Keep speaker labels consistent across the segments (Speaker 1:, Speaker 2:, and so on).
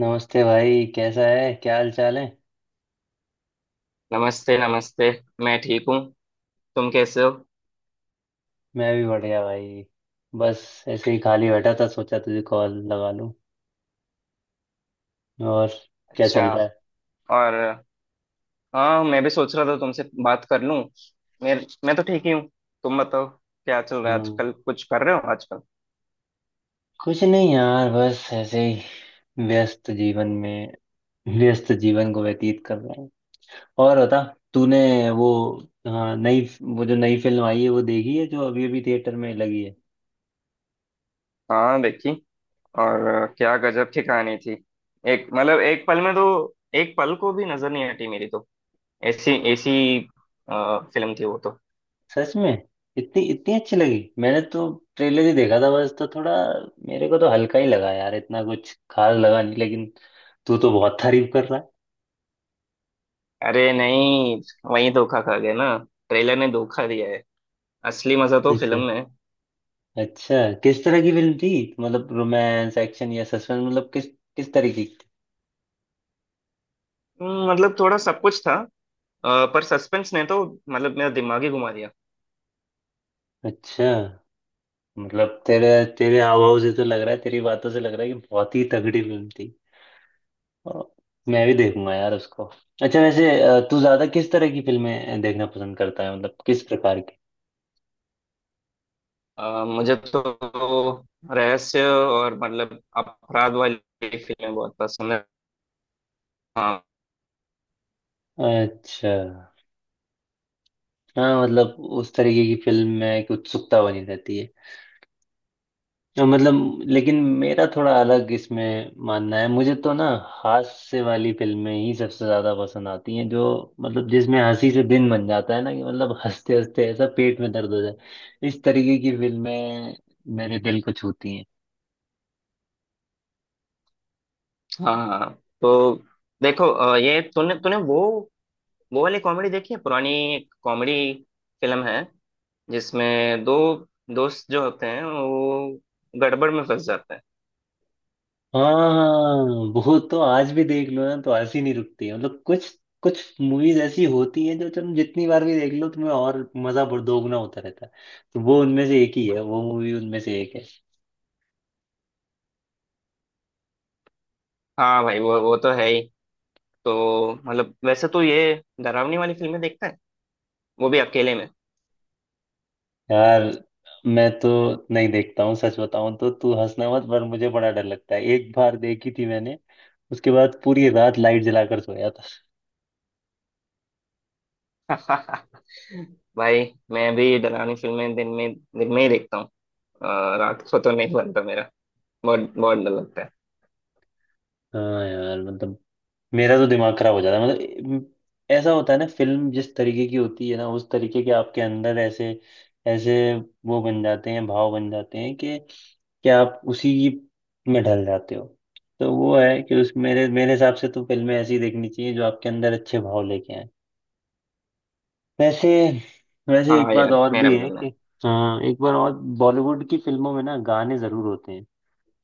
Speaker 1: नमस्ते भाई, कैसा है? क्या हाल चाल है?
Speaker 2: नमस्ते नमस्ते। मैं ठीक हूँ। तुम कैसे हो?
Speaker 1: मैं भी बढ़िया भाई। बस ऐसे ही खाली बैठा था, सोचा तुझे कॉल लगा लूं। और क्या
Speaker 2: अच्छा।
Speaker 1: चल रहा है?
Speaker 2: और हाँ, मैं भी सोच रहा था तुमसे बात कर लूँ। मैं मैं तो ठीक ही हूँ। तुम बताओ, क्या चल रहा है
Speaker 1: हाँ,
Speaker 2: आजकल? कुछ कर रहे हो आजकल?
Speaker 1: कुछ नहीं यार, बस ऐसे ही व्यस्त जीवन में व्यस्त जीवन को व्यतीत कर रहा हूँ। और बता। तूने वो हाँ, नई, वो जो नई फिल्म आई है वो देखी है, जो अभी अभी थिएटर में लगी है?
Speaker 2: हाँ, देखी। और क्या गजब की कहानी थी। एक मतलब एक पल में तो एक पल को भी नजर नहीं हटी मेरी तो। ऐसी ऐसी फिल्म थी वो तो।
Speaker 1: सच में इतनी इतनी अच्छी लगी? मैंने तो ट्रेलर ही देखा था बस, तो थोड़ा मेरे को तो हल्का ही लगा यार, इतना कुछ खास लगा नहीं, लेकिन तू तो बहुत तारीफ कर रहा
Speaker 2: अरे नहीं, वही धोखा खा गया ना। ट्रेलर ने धोखा दिया है। असली मजा तो
Speaker 1: है।
Speaker 2: फिल्म
Speaker 1: अच्छा,
Speaker 2: में है।
Speaker 1: अच्छा। किस तरह की फिल्म थी? मतलब रोमांस, एक्शन या सस्पेंस, मतलब किस किस तरीके की थी?
Speaker 2: मतलब थोड़ा सब कुछ था। पर सस्पेंस ने तो मतलब मेरा दिमाग ही घुमा दिया।
Speaker 1: अच्छा मतलब तेरे तेरे हाव भाव से तो लग रहा है तेरी बातों से लग रहा है कि बहुत ही तगड़ी फिल्म थी और मैं भी देखूंगा यार उसको अच्छा वैसे अ, तू ज्यादा किस तरह की फिल्में देखना पसंद करता है मतलब किस प्रकार की
Speaker 2: मुझे तो रहस्य और मतलब अपराध वाली फिल्में बहुत पसंद है। हाँ
Speaker 1: अच्छा। हाँ, मतलब उस तरीके की फिल्म में एक उत्सुकता बनी रहती है। तो मतलब, लेकिन मेरा थोड़ा अलग इसमें मानना है, मुझे तो ना हास्य वाली फिल्में ही सबसे ज्यादा पसंद आती हैं जो, मतलब जिसमें हंसी से दिन बन जाता है, ना कि मतलब हंसते हंसते ऐसा पेट में दर्द हो जाए, इस तरीके की फिल्में मेरे दिल को छूती हैं।
Speaker 2: हाँ। हाँ तो देखो, ये तूने तूने वो वाली कॉमेडी देखी है पुरानी? एक कॉमेडी फिल्म है जिसमें दो दोस्त जो होते हैं वो गड़बड़ में फंस जाते हैं।
Speaker 1: हाँ, वो तो आज भी देख लो ना तो हंसी नहीं रुकती है। मतलब कुछ कुछ मूवीज ऐसी होती हैं जो तुम जितनी बार भी देख लो, तुम्हें और मजा दोगुना होता रहता है। तो वो उनमें से एक ही है, वो मूवी उनमें से एक है।
Speaker 2: हाँ भाई, वो तो है ही। तो मतलब वैसे तो ये डरावनी वाली फिल्में देखता है, वो भी अकेले में।
Speaker 1: यार, मैं तो नहीं देखता हूँ, सच बताऊं तो। तू हंसना मत, पर मुझे बड़ा डर लगता है। एक बार देखी थी मैंने, उसके बाद पूरी रात लाइट जलाकर सोया था।
Speaker 2: भाई, मैं भी डरावनी फिल्में दिन में ही देखता हूँ। रात को तो नहीं बनता मेरा। बहुत बहुत डर लगता है।
Speaker 1: हाँ यार, मतलब मेरा तो दिमाग खराब हो जाता है। मतलब ऐसा होता है ना, फिल्म जिस तरीके की होती है ना, उस तरीके के आपके अंदर ऐसे ऐसे वो बन जाते हैं, भाव बन जाते हैं कि आप उसी में ढल जाते हो। तो वो है कि उस मेरे मेरे हिसाब से तो फिल्में ऐसी देखनी चाहिए जो आपके अंदर अच्छे भाव लेके आए। वैसे, एक
Speaker 2: हाँ
Speaker 1: बात
Speaker 2: यार,
Speaker 1: और
Speaker 2: मेरा
Speaker 1: भी
Speaker 2: भी
Speaker 1: है
Speaker 2: बनना
Speaker 1: कि
Speaker 2: है।
Speaker 1: हाँ, एक बार और बॉलीवुड की फिल्मों में ना गाने जरूर होते हैं।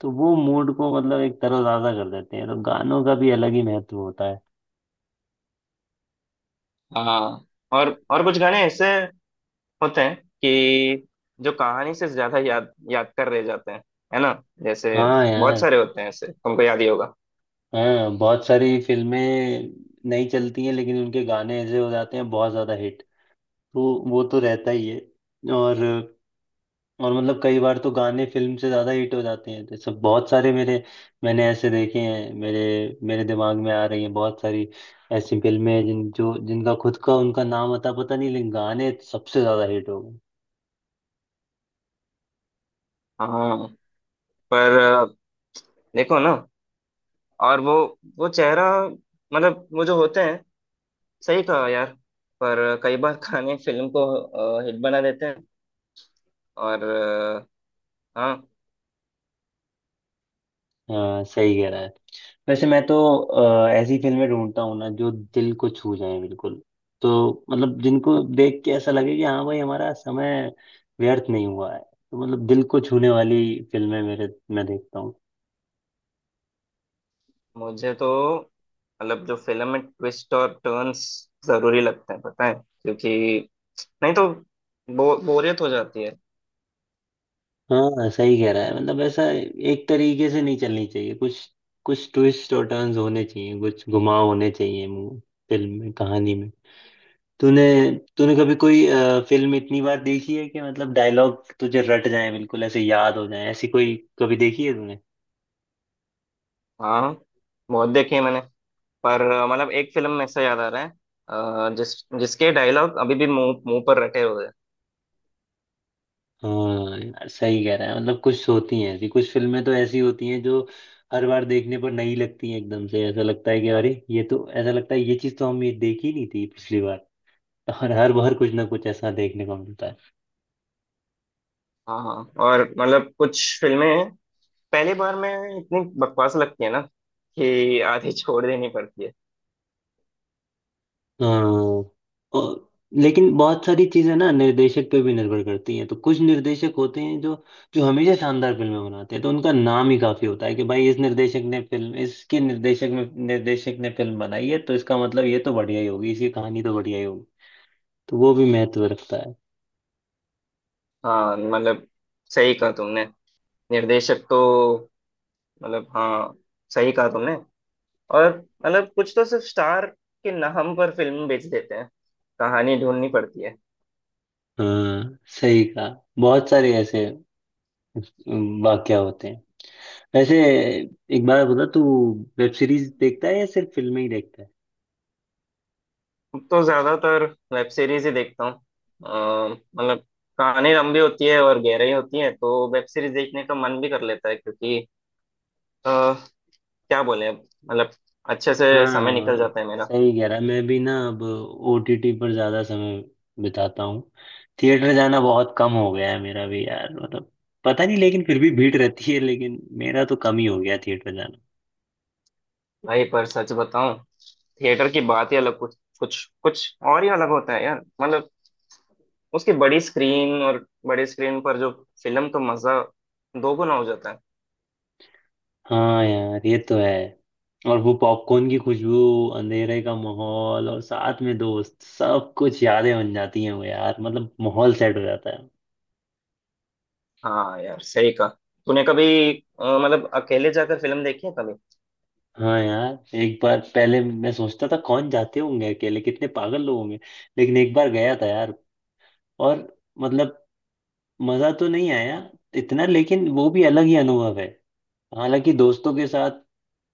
Speaker 1: तो वो मूड को, मतलब एक तरोताजा कर देते हैं, तो गानों का भी अलग ही महत्व होता है।
Speaker 2: हाँ, और कुछ गाने ऐसे होते हैं कि जो कहानी से ज्यादा याद याद कर रह जाते हैं, है ना? जैसे
Speaker 1: हाँ
Speaker 2: बहुत
Speaker 1: यार।
Speaker 2: सारे होते हैं ऐसे, तुमको याद ही होगा।
Speaker 1: हाँ, बहुत सारी फिल्में नहीं चलती हैं लेकिन उनके गाने ऐसे हो जाते हैं बहुत ज्यादा हिट। तो वो तो रहता ही है। और और मतलब कई बार तो गाने फिल्म से ज्यादा हिट हो जाते हैं। तो सब बहुत सारे मेरे, मैंने ऐसे देखे हैं। मेरे मेरे दिमाग में आ रही हैं बहुत सारी ऐसी फिल्में हैं जिनका खुद का उनका नाम अता पता नहीं, लेकिन गाने सबसे ज्यादा हिट हो गए।
Speaker 2: हाँ, पर देखो ना। और वो चेहरा, मतलब वो जो होते हैं। सही कहा यार। पर कई बार गाने फिल्म को हिट बना देते हैं। और हाँ।
Speaker 1: हाँ, सही कह रहा है। वैसे मैं तो ऐसी फिल्में ढूंढता हूँ ना जो दिल को छू जाए बिल्कुल। तो मतलब जिनको देख के ऐसा लगे कि हाँ भाई हमारा समय व्यर्थ नहीं हुआ है। तो मतलब दिल को छूने वाली फिल्में मेरे, मैं देखता हूँ।
Speaker 2: मुझे तो मतलब जो फिल्म में ट्विस्ट और टर्न्स जरूरी लगते हैं, पता है, क्योंकि नहीं तो बोरियत हो जाती है।
Speaker 1: हाँ सही कह रहा है, मतलब ऐसा एक तरीके से नहीं चलनी चाहिए। कुछ, कुछ ट्विस्ट और टर्न्स होने चाहिए, कुछ घुमाव होने चाहिए, फिल्म में, कहानी में। तूने तूने कभी कोई फिल्म इतनी बार देखी है कि मतलब डायलॉग तुझे रट जाए, बिल्कुल ऐसे याद हो जाए, ऐसी कोई कभी देखी है तूने?
Speaker 2: हाँ, बहुत देखी है मैंने। पर मतलब एक फिल्म में से याद आ रहा है। अ, जिस जिसके डायलॉग अभी भी मुंह मुंह पर रटे हुए हैं।
Speaker 1: हाँ यार सही कह रहा है, मतलब कुछ होती हैं ऐसी, कुछ फिल्में तो ऐसी होती हैं जो हर बार देखने पर नई लगती हैं। एकदम से ऐसा लगता है कि अरे ये तो, ऐसा लगता है ये चीज़ तो हम, ये देखी नहीं थी पिछली बार। और हर बार कुछ ना कुछ ऐसा देखने को मिलता है।
Speaker 2: हाँ हाँ। और मतलब कुछ फिल्में पहली बार में इतनी बकवास लगती है ना कि आधी छोड़ देनी पड़ती है।
Speaker 1: हाँ। और लेकिन बहुत सारी चीजें ना निर्देशक पे भी निर्भर करती हैं। तो कुछ निर्देशक होते हैं जो जो हमेशा शानदार फिल्में बनाते हैं। तो उनका नाम ही काफी होता है कि भाई इस निर्देशक ने फिल्म, इसके निर्देशक में, निर्देशक ने फिल्म बनाई है, तो इसका मतलब ये तो बढ़िया ही होगी, इसकी कहानी तो बढ़िया ही होगी। तो वो भी महत्व रखता है।
Speaker 2: हाँ मतलब, सही कहा तुमने। निर्देशक तो मतलब हाँ, सही कहा तुमने। और मतलब कुछ तो सिर्फ स्टार के नाम पर फिल्म बेच देते हैं, कहानी ढूंढनी पड़ती है।
Speaker 1: हाँ सही कहा, बहुत सारे ऐसे वाक्य होते हैं। वैसे एक बार बता तू, वेब सीरीज देखता है या सिर्फ फिल्में ही देखता है?
Speaker 2: अब तो ज्यादातर वेब सीरीज ही देखता हूँ। मतलब कहानी लंबी होती है और गहराई होती है, तो वेब सीरीज देखने का मन भी कर लेता है क्योंकि अ, क्या बोले अब, मतलब अच्छे से समय निकल
Speaker 1: हाँ
Speaker 2: जाता है मेरा।
Speaker 1: सही कह रहा है। मैं भी ना अब ओटीटी पर ज्यादा समय बिताता हूँ। थिएटर जाना बहुत कम हो गया है मेरा भी यार, मतलब पता नहीं, लेकिन फिर भी भीड़ रहती है, लेकिन मेरा तो कम ही हो गया थिएटर जाना।
Speaker 2: भाई पर सच बताऊं, थिएटर की बात ही अलग, कुछ कुछ कुछ और ही अलग होता है यार। मतलब उसकी बड़ी स्क्रीन और बड़ी स्क्रीन पर जो फिल्म का मजा दोगुना हो जाता है।
Speaker 1: हाँ यार ये तो है। और वो पॉपकॉर्न की खुशबू, अंधेरे का माहौल, और साथ में दोस्त, सब कुछ यादें बन जाती हैं वो यार, मतलब माहौल सेट हो जाता है।
Speaker 2: हाँ यार, सही कहा। तूने कभी मतलब अकेले जाकर फिल्म देखी है कभी?
Speaker 1: हाँ यार, एक बार पहले मैं सोचता था कौन जाते होंगे अकेले, कितने पागल लोग होंगे। लेकिन एक बार गया था यार, और मतलब मजा तो नहीं आया इतना, लेकिन वो भी अलग ही अनुभव है। हालांकि दोस्तों के साथ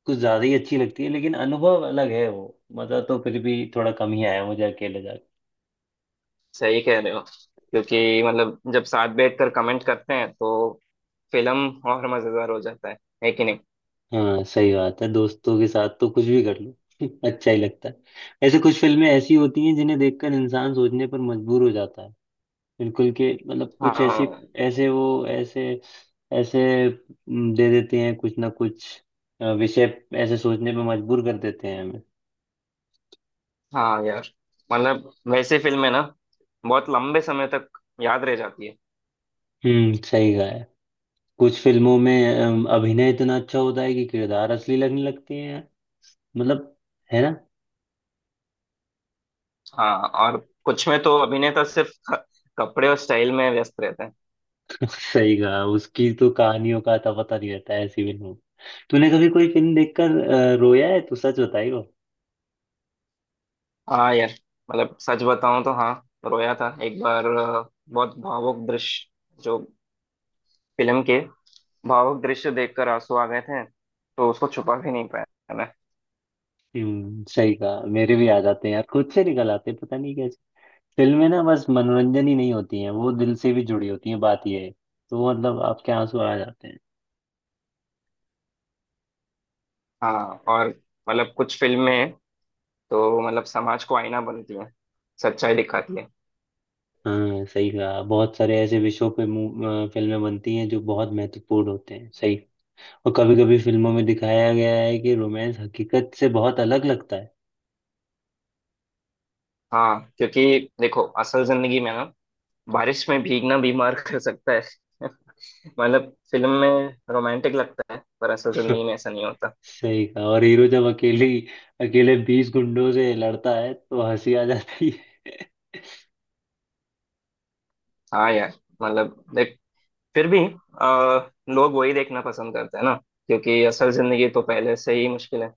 Speaker 1: कुछ ज्यादा ही अच्छी लगती है, लेकिन अनुभव अलग है वो। मजा तो फिर भी थोड़ा कम ही आया मुझे अकेले जाकर।
Speaker 2: सही कह रहे हो, क्योंकि मतलब जब साथ बैठकर कमेंट करते हैं तो फिल्म और मजेदार हो जाता है। है कि नहीं?
Speaker 1: हाँ सही बात है, दोस्तों के साथ तो कुछ भी कर लो अच्छा ही लगता है। ऐसे कुछ फिल्में ऐसी होती हैं जिन्हें देखकर इंसान सोचने पर मजबूर हो जाता है, बिल्कुल के मतलब, कुछ ऐसी,
Speaker 2: हाँ।
Speaker 1: ऐसे वो ऐसे ऐसे दे देते हैं कुछ ना कुछ विषय, ऐसे सोचने पर मजबूर कर देते हैं हमें।
Speaker 2: हाँ यार, मतलब वैसे फिल्में ना बहुत लंबे समय तक याद रह जाती है।
Speaker 1: हम्म, सही कहा है। कुछ फिल्मों में अभिनय इतना अच्छा होता है कि किरदार असली लगने लगते हैं, मतलब, है ना?
Speaker 2: हाँ, और कुछ में तो अभिनेता सिर्फ कपड़े और स्टाइल में व्यस्त रहते हैं।
Speaker 1: सही कहा, उसकी तो कहानियों का तो पता नहीं रहता है ऐसी फिल्मों। तूने कभी कोई फिल्म देखकर रोया है तो सच बताइयो।
Speaker 2: हाँ यार, मतलब सच बताऊं तो हाँ, रोया था एक बार। बहुत भावुक दृश्य जो फिल्म के भावुक दृश्य देखकर आंसू आ गए थे, तो उसको छुपा भी नहीं पाया मैंने।
Speaker 1: सही कहा, मेरे भी याद आते हैं यार, खुद से निकल आते हैं पता नहीं कैसे। फिल्में ना बस मनोरंजन ही नहीं होती हैं, वो दिल से भी जुड़ी होती हैं, बात ये है। तो मतलब आपके आंसू आ जाते हैं।
Speaker 2: हाँ, और मतलब कुछ फिल्में तो मतलब समाज को आईना बनती है, सच्चाई दिखाती है।
Speaker 1: हाँ सही कहा, बहुत सारे ऐसे विषयों पे फिल्में बनती हैं जो बहुत महत्वपूर्ण होते हैं, सही। और कभी कभी फिल्मों में दिखाया गया है कि रोमांस हकीकत से बहुत अलग लगता है।
Speaker 2: हाँ, क्योंकि देखो असल जिंदगी में ना बारिश में भीगना बीमार कर सकता है। मतलब फिल्म में रोमांटिक लगता है पर असल जिंदगी में ऐसा नहीं होता।
Speaker 1: सही कहा, और हीरो जब अकेली अकेले 20 गुंडों से लड़ता है तो हंसी आ जाती है।
Speaker 2: हाँ यार, मतलब देख, फिर भी आ, लोग वही देखना पसंद करते हैं ना, क्योंकि असल जिंदगी तो पहले से ही मुश्किल है।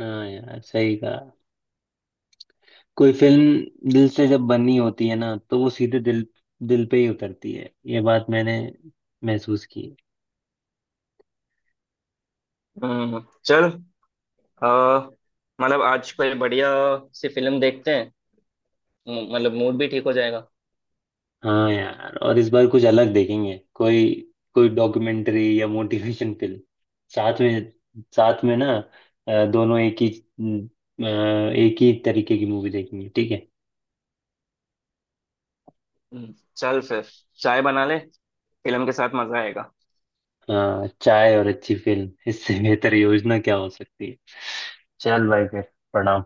Speaker 1: हाँ यार सही कहा। कोई फिल्म दिल से जब बनी होती है ना, तो वो सीधे दिल दिल पे ही उतरती है, ये बात मैंने महसूस की है।
Speaker 2: हम्म, चल। अ, मतलब आज कोई बढ़िया सी फिल्म देखते हैं, मतलब मूड भी ठीक हो जाएगा।
Speaker 1: हाँ यार, और इस बार कुछ अलग देखेंगे, कोई कोई डॉक्यूमेंट्री या मोटिवेशन फिल्म साथ में, ना दोनों एक ही एक ही तरीके की मूवी देखेंगे, ठीक है।
Speaker 2: चल फिर, चाय बना ले, फिल्म के साथ मजा आएगा।
Speaker 1: हाँ, चाय और अच्छी फिल्म, इससे बेहतर योजना क्या हो सकती है? चल भाई फिर, प्रणाम।